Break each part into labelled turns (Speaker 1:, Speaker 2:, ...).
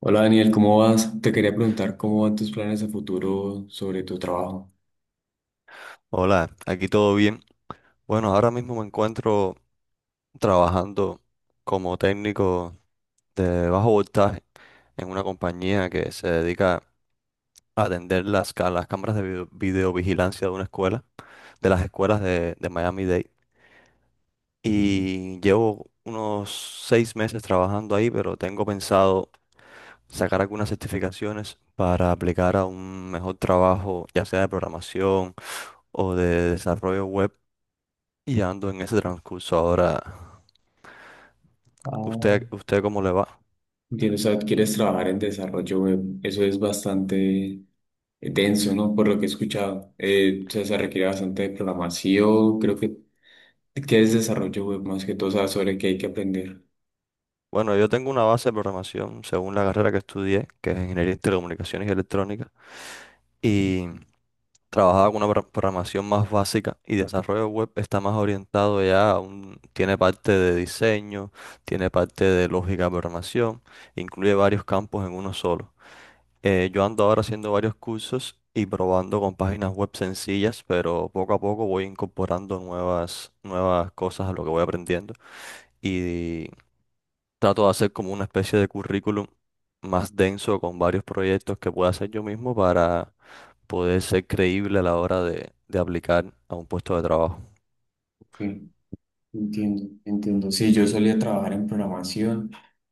Speaker 1: Hola Daniel, ¿cómo vas? Te quería preguntar cómo van tus planes a futuro sobre tu trabajo.
Speaker 2: Hola, aquí todo bien. Bueno, ahora mismo me encuentro trabajando como técnico de bajo voltaje en una compañía que se dedica a atender las, las cámaras de videovigilancia de una escuela, de las escuelas de Miami-Dade. Y llevo unos 6 meses trabajando ahí, pero tengo pensado sacar algunas certificaciones para aplicar a un mejor trabajo, ya sea de programación o de desarrollo web. Y ando en ese transcurso ahora.
Speaker 1: Ah,
Speaker 2: ¿Usted cómo le va?
Speaker 1: Entiendo, o sea, quieres trabajar en desarrollo web. Eso es bastante denso, ¿no? Por lo que he escuchado. O sea, se requiere bastante de programación. Creo que es desarrollo web más que todo, o sea, sobre qué hay que aprender.
Speaker 2: Bueno, yo tengo una base de programación según la carrera que estudié, que es Ingeniería en Telecomunicaciones y Electrónica, y trabajaba con una programación más básica, y desarrollo web está más orientado ya, tiene parte de diseño, tiene parte de lógica de programación, incluye varios campos en uno solo. Yo ando ahora haciendo varios cursos y probando con páginas web sencillas, pero poco a poco voy incorporando nuevas cosas a lo que voy aprendiendo. y Trato de hacer como una especie de currículum más denso con varios proyectos que pueda hacer yo mismo para poder ser creíble a la hora de aplicar a un puesto de trabajo.
Speaker 1: Sí, entiendo. Sí, yo solía trabajar en programación,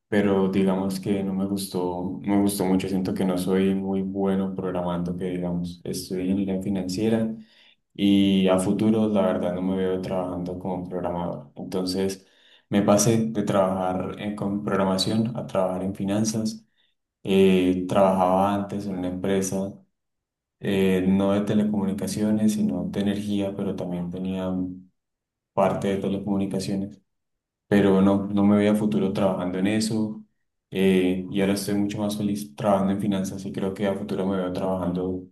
Speaker 1: pero digamos que no me gustó, no me gustó mucho. Siento que no soy muy bueno programando, que digamos, estudié ingeniería financiera. Y a futuro, la verdad, no me veo trabajando como programador. Entonces, me pasé de trabajar con programación a trabajar en finanzas. Trabajaba antes en una empresa, no de telecomunicaciones, sino de energía, pero también tenía parte de telecomunicaciones, pero no, no me veía a futuro trabajando en eso. Y ahora estoy mucho más feliz trabajando en finanzas y creo que a futuro me veo trabajando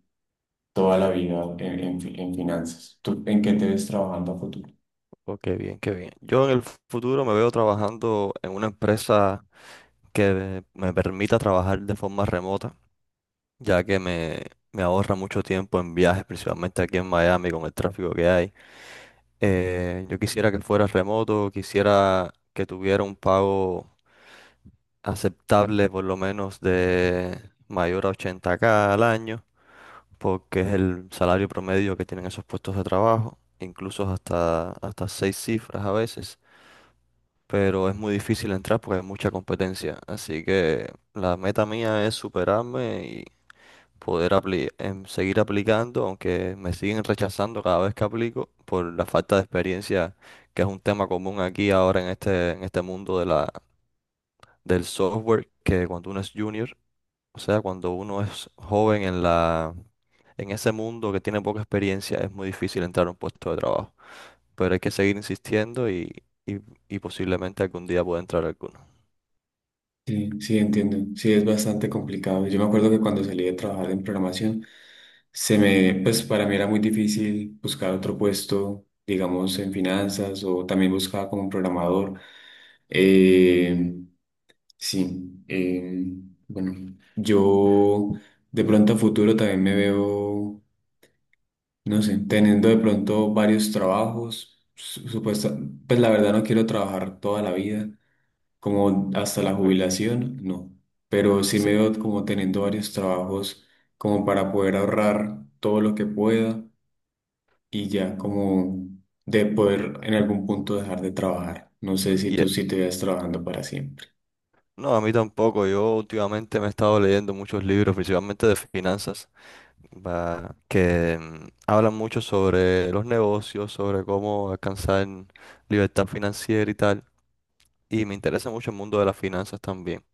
Speaker 1: toda la vida en finanzas. ¿Tú en qué
Speaker 2: O-
Speaker 1: te ves trabajando a futuro?
Speaker 2: o qué bien, qué bien. Yo en el futuro me veo trabajando en una empresa que me permita trabajar de forma remota ya me ahorra mucho tiempo en viajes, principalmente aquí en Miami con el tráfico que hay. Yo quisiera que fuera remoto, quisiera que tuviera un pago aceptable por lo menos de mayor a 80K al año, porque es el salario promedio que tienen esos puestos de trabajo, incluso hasta seis cifras a veces, pero es muy difícil entrar porque hay mucha competencia, así que la meta mía es superarme, poder seguir aplicando, aunque me siguen rechazando cada vez que aplico por la falta de experiencia, que es un tema común aquí ahora en en este mundo del software, que cuando uno es junior, o sea, cuando uno es joven en en ese mundo, que tiene poca experiencia, es muy difícil entrar a un puesto de trabajo. Pero hay que seguir y, y posiblemente algún día pueda entrar alguno.
Speaker 1: Sí, sí, entiendo. Sí, es bastante complicado. Yo me acuerdo que cuando salí de trabajar en programación, se me, pues para mí era muy difícil buscar otro puesto, digamos, en finanzas o también buscaba como un programador. Eh, Sí, eh, bueno, yo de pronto a futuro también me veo, no sé, teniendo de pronto varios trabajos, supuesta, pues la verdad no quiero trabajar toda la vida, como hasta la
Speaker 2: Ok.
Speaker 1: jubilación, no, pero sí me
Speaker 2: Sí.
Speaker 1: veo como teniendo varios trabajos como para poder ahorrar todo lo que pueda y ya como de poder en algún punto dejar de trabajar. No sé si
Speaker 2: y,
Speaker 1: tú sí te veas trabajando para siempre.
Speaker 2: No, a mí tampoco. Yo últimamente me he estado leyendo muchos libros, principalmente de finanzas, hablan mucho sobre los negocios, sobre cómo alcanzar libertad financiera y tal. Y me interesa mucho el mundo de las finanzas también.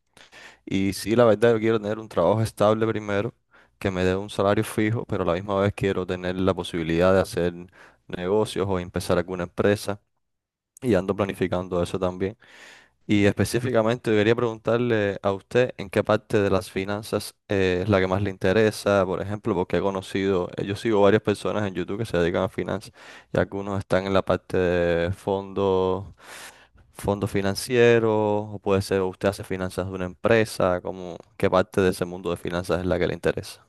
Speaker 2: Y sí, la verdad, yo quiero tener un trabajo estable primero, que me dé un salario fijo, pero a la misma vez quiero tener la posibilidad de hacer negocios o empezar alguna empresa. Y ando planificando eso también. Y específicamente quería preguntarle a usted en qué parte de las finanzas es la que más le interesa, por ejemplo, porque he conocido, yo sigo varias personas en YouTube que se dedican a finanzas, y algunos están en la parte de fondos, fondos financieros, o puede ser usted hace finanzas de una empresa, como qué parte de ese mundo de finanzas es la que le interesa.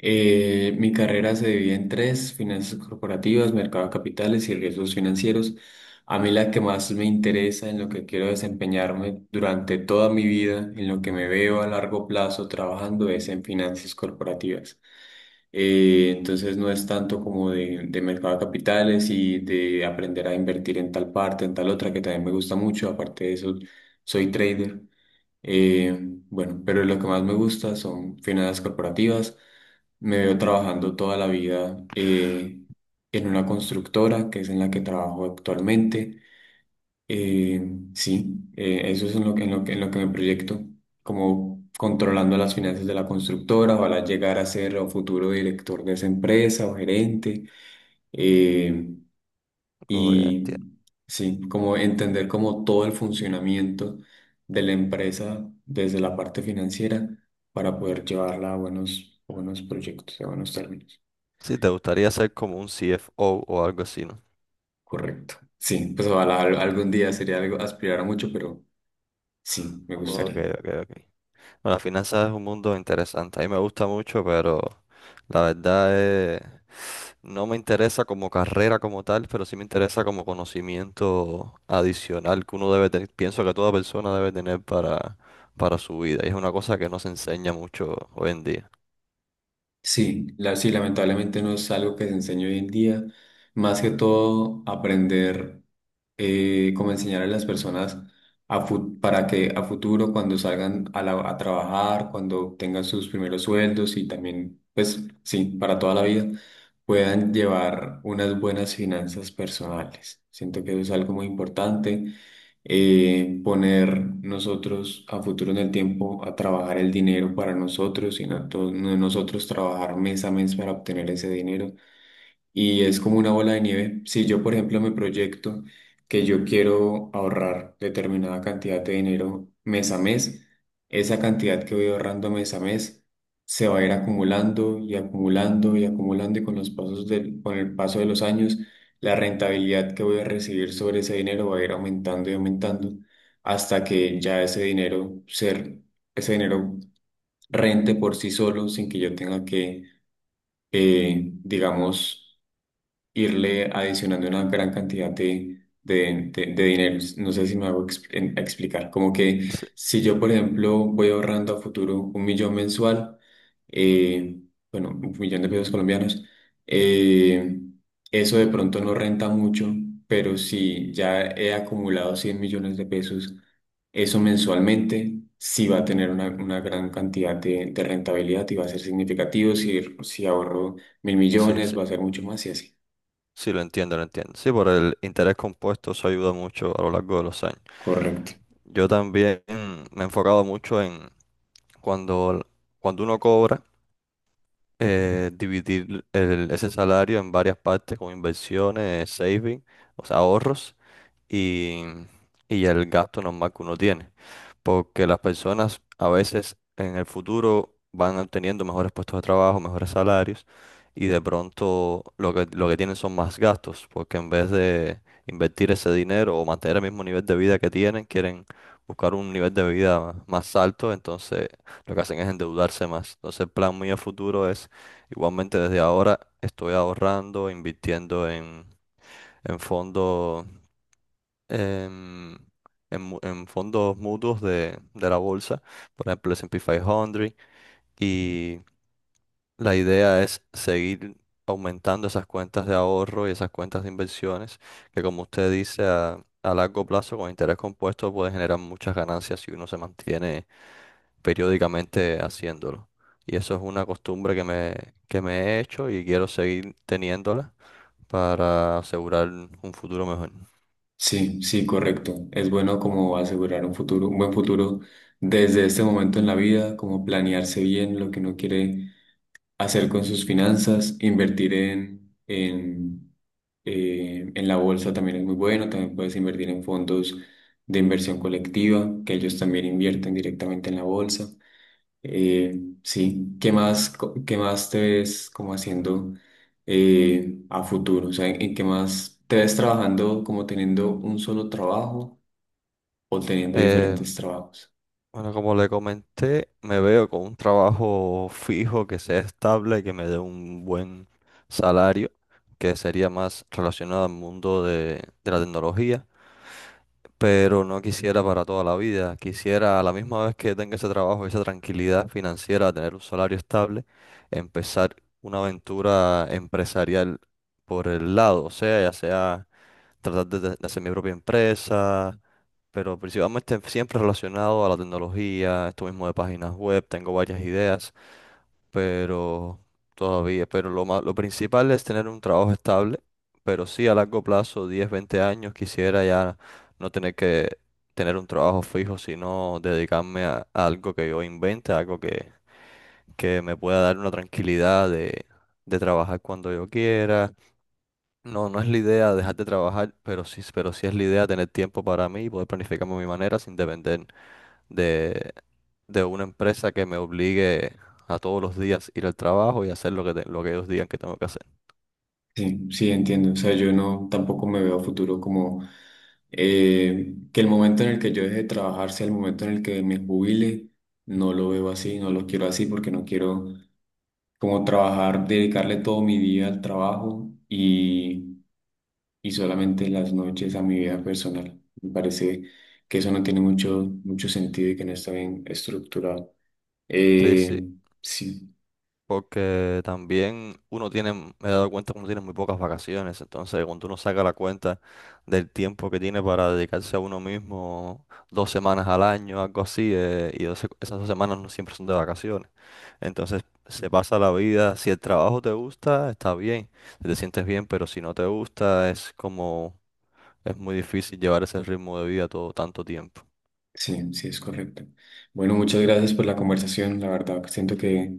Speaker 1: Mi carrera se divide en tres, finanzas corporativas, mercado de capitales y riesgos financieros. A mí la que más me interesa, en lo que quiero desempeñarme durante toda mi vida, en lo que me veo a largo plazo trabajando, es en finanzas corporativas. Entonces no es tanto como de mercado de capitales y de aprender a invertir en tal parte, en tal otra, que también me gusta mucho. Aparte de eso, soy trader. Eh, bueno, pero lo que más me gusta son finanzas corporativas. Me veo trabajando toda la vida en una constructora, que es en la que trabajo actualmente. Eh, sí, Eso es en lo que me proyecto, como controlando las finanzas de la constructora, ojalá llegar a ser o futuro director de esa empresa o gerente. Eh,
Speaker 2: Oh, ya
Speaker 1: y
Speaker 2: entiendo.
Speaker 1: sí, como entender como todo el funcionamiento de la empresa desde la parte financiera para poder llevarla a buenos proyectos, a buenos términos.
Speaker 2: Sí, te gustaría ser como un CFO o algo así, ¿no?
Speaker 1: Correcto. Sí, pues ojalá algún día sería algo aspirar a mucho, pero sí, me
Speaker 2: Ok,
Speaker 1: gustaría.
Speaker 2: ok, ok. Bueno, las finanzas es un mundo interesante. A mí me gusta mucho, pero la verdad es, no me interesa como carrera como tal, pero sí me interesa como conocimiento adicional que uno debe tener, pienso que toda persona debe tener para su vida. Y es una cosa que no se enseña mucho hoy en día.
Speaker 1: Sí, sí, lamentablemente no es algo que se enseñe hoy en día. Más que todo, aprender cómo enseñar a las personas a para que a futuro, cuando salgan a, a trabajar, cuando tengan sus primeros sueldos y también, pues sí, para toda la vida, puedan llevar unas buenas finanzas personales. Siento que eso es algo muy importante, poner nosotros a futuro en el tiempo a trabajar el dinero para nosotros, sino a todos nosotros trabajar mes a mes para obtener ese dinero, y es como una bola de nieve. Si yo, por ejemplo, me proyecto que yo quiero ahorrar determinada cantidad de dinero mes a mes, esa cantidad que voy ahorrando mes a mes se va a ir acumulando y acumulando y acumulando, y con los pasos con el paso de los años, la rentabilidad que voy a recibir sobre ese dinero va a ir aumentando y aumentando hasta que ya ese ese dinero rente por sí solo sin que yo tenga que, digamos, irle adicionando una gran cantidad de dinero. No sé si me hago explicar. Como que
Speaker 2: Sí,
Speaker 1: si yo, por ejemplo, voy ahorrando a futuro 1.000.000 mensual, eh, bueno, 1.000.000 de pesos colombianos, eh, eso de pronto no renta mucho, pero si ya he acumulado 100.000.000 de pesos, eso mensualmente sí va a tener una gran cantidad de rentabilidad y va a ser significativo. Si, si ahorro mil
Speaker 2: sí,
Speaker 1: millones,
Speaker 2: sí.
Speaker 1: va a ser mucho más y así.
Speaker 2: Sí, lo entiendo, lo entiendo. Sí, por el interés compuesto eso ayuda mucho a lo largo de los años.
Speaker 1: Correcto.
Speaker 2: Yo también me he enfocado mucho en cuando, cuando uno cobra. Dividir ese salario en varias partes con inversiones, saving, o sea, y, y el gasto normal que uno tiene. Porque las personas a veces en el futuro van obteniendo mejores puestos de trabajo, mejores salarios, y de pronto lo que tienen son más gastos, porque en vez de invertir ese dinero o mantener el mismo nivel de vida que tienen, quieren buscar un nivel de vida más alto, entonces lo que hacen es endeudarse más. Entonces el plan muy a futuro es, igualmente desde ahora estoy ahorrando, invirtiendo en fondos, en, en en fondos mutuos de la bolsa, por ejemplo, el S&P 500, y la idea es seguir aumentando esas cuentas de ahorro y esas cuentas de inversiones, que como usted dice, a largo plazo, con interés compuesto, puede generar muchas ganancias si uno se mantiene periódicamente haciéndolo. Y eso es una costumbre que me he hecho y quiero seguir teniéndola para asegurar un futuro mejor.
Speaker 1: Sí, sí, correcto. Es bueno como asegurar un futuro, un buen futuro desde este momento en la vida, como planearse bien lo que uno quiere hacer con sus finanzas, invertir en la bolsa también es muy bueno, también puedes invertir en fondos de inversión colectiva, que ellos también invierten directamente en la bolsa. Eh, sí, ¿qué más, qué más te ves como haciendo, a futuro? O sea, en qué más te ves trabajando como teniendo un solo trabajo o teniendo
Speaker 2: Eh,
Speaker 1: diferentes trabajos?
Speaker 2: Bueno, como le comenté, me veo con un trabajo fijo que sea estable, que me dé un buen salario, que sería más relacionado al mundo de la tecnología, pero no quisiera para toda la vida. Quisiera a la misma vez que tenga ese trabajo, esa tranquilidad financiera, tener un salario estable, empezar una aventura empresarial por el lado, o sea, ya sea tratar de hacer mi propia empresa, pero principalmente siempre relacionado a la tecnología, esto mismo de páginas web, tengo varias ideas, pero todavía, pero lo principal es tener un trabajo estable, pero sí a largo plazo, 10, 20 años, quisiera ya no tener que tener un trabajo fijo, sino dedicarme a algo que yo invente, algo que me pueda dar una tranquilidad de trabajar cuando yo quiera. No, no es la idea dejar de trabajar, pero sí es la idea tener tiempo para mí y poder planificarme a mi manera sin depender de, de una empresa que me obligue a todos los días ir al trabajo y hacer lo lo que ellos digan que tengo que hacer.
Speaker 1: Sí, sí, entiendo. O sea, yo no tampoco me veo a futuro como, que el momento en el que yo deje de trabajar sea el momento en el que me jubile. No lo veo así, no lo quiero así porque no quiero como trabajar, dedicarle todo mi día al trabajo y solamente en las noches a mi vida personal. Me parece que eso no tiene mucho, mucho sentido y que no está bien estructurado.
Speaker 2: Sí, sí,
Speaker 1: Eh, sí,
Speaker 2: porque también uno tiene, me he dado cuenta que uno tiene muy pocas vacaciones, entonces cuando uno saca la cuenta del tiempo que tiene para dedicarse a uno mismo, 2 semanas al año, algo así, esas dos semanas no siempre son de vacaciones. Entonces se pasa la vida, si el trabajo te gusta, está bien, si te sientes bien, pero si no te gusta, es muy difícil llevar ese ritmo de vida todo tanto tiempo.
Speaker 1: sí, es correcto. Bueno, muchas gracias por la conversación. La verdad, que siento que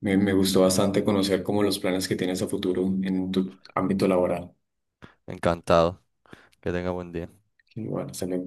Speaker 1: me gustó bastante conocer como los planes que tienes a futuro en tu ámbito laboral.
Speaker 2: Encantado, que tenga buen día.
Speaker 1: Igual bueno, hasta luego.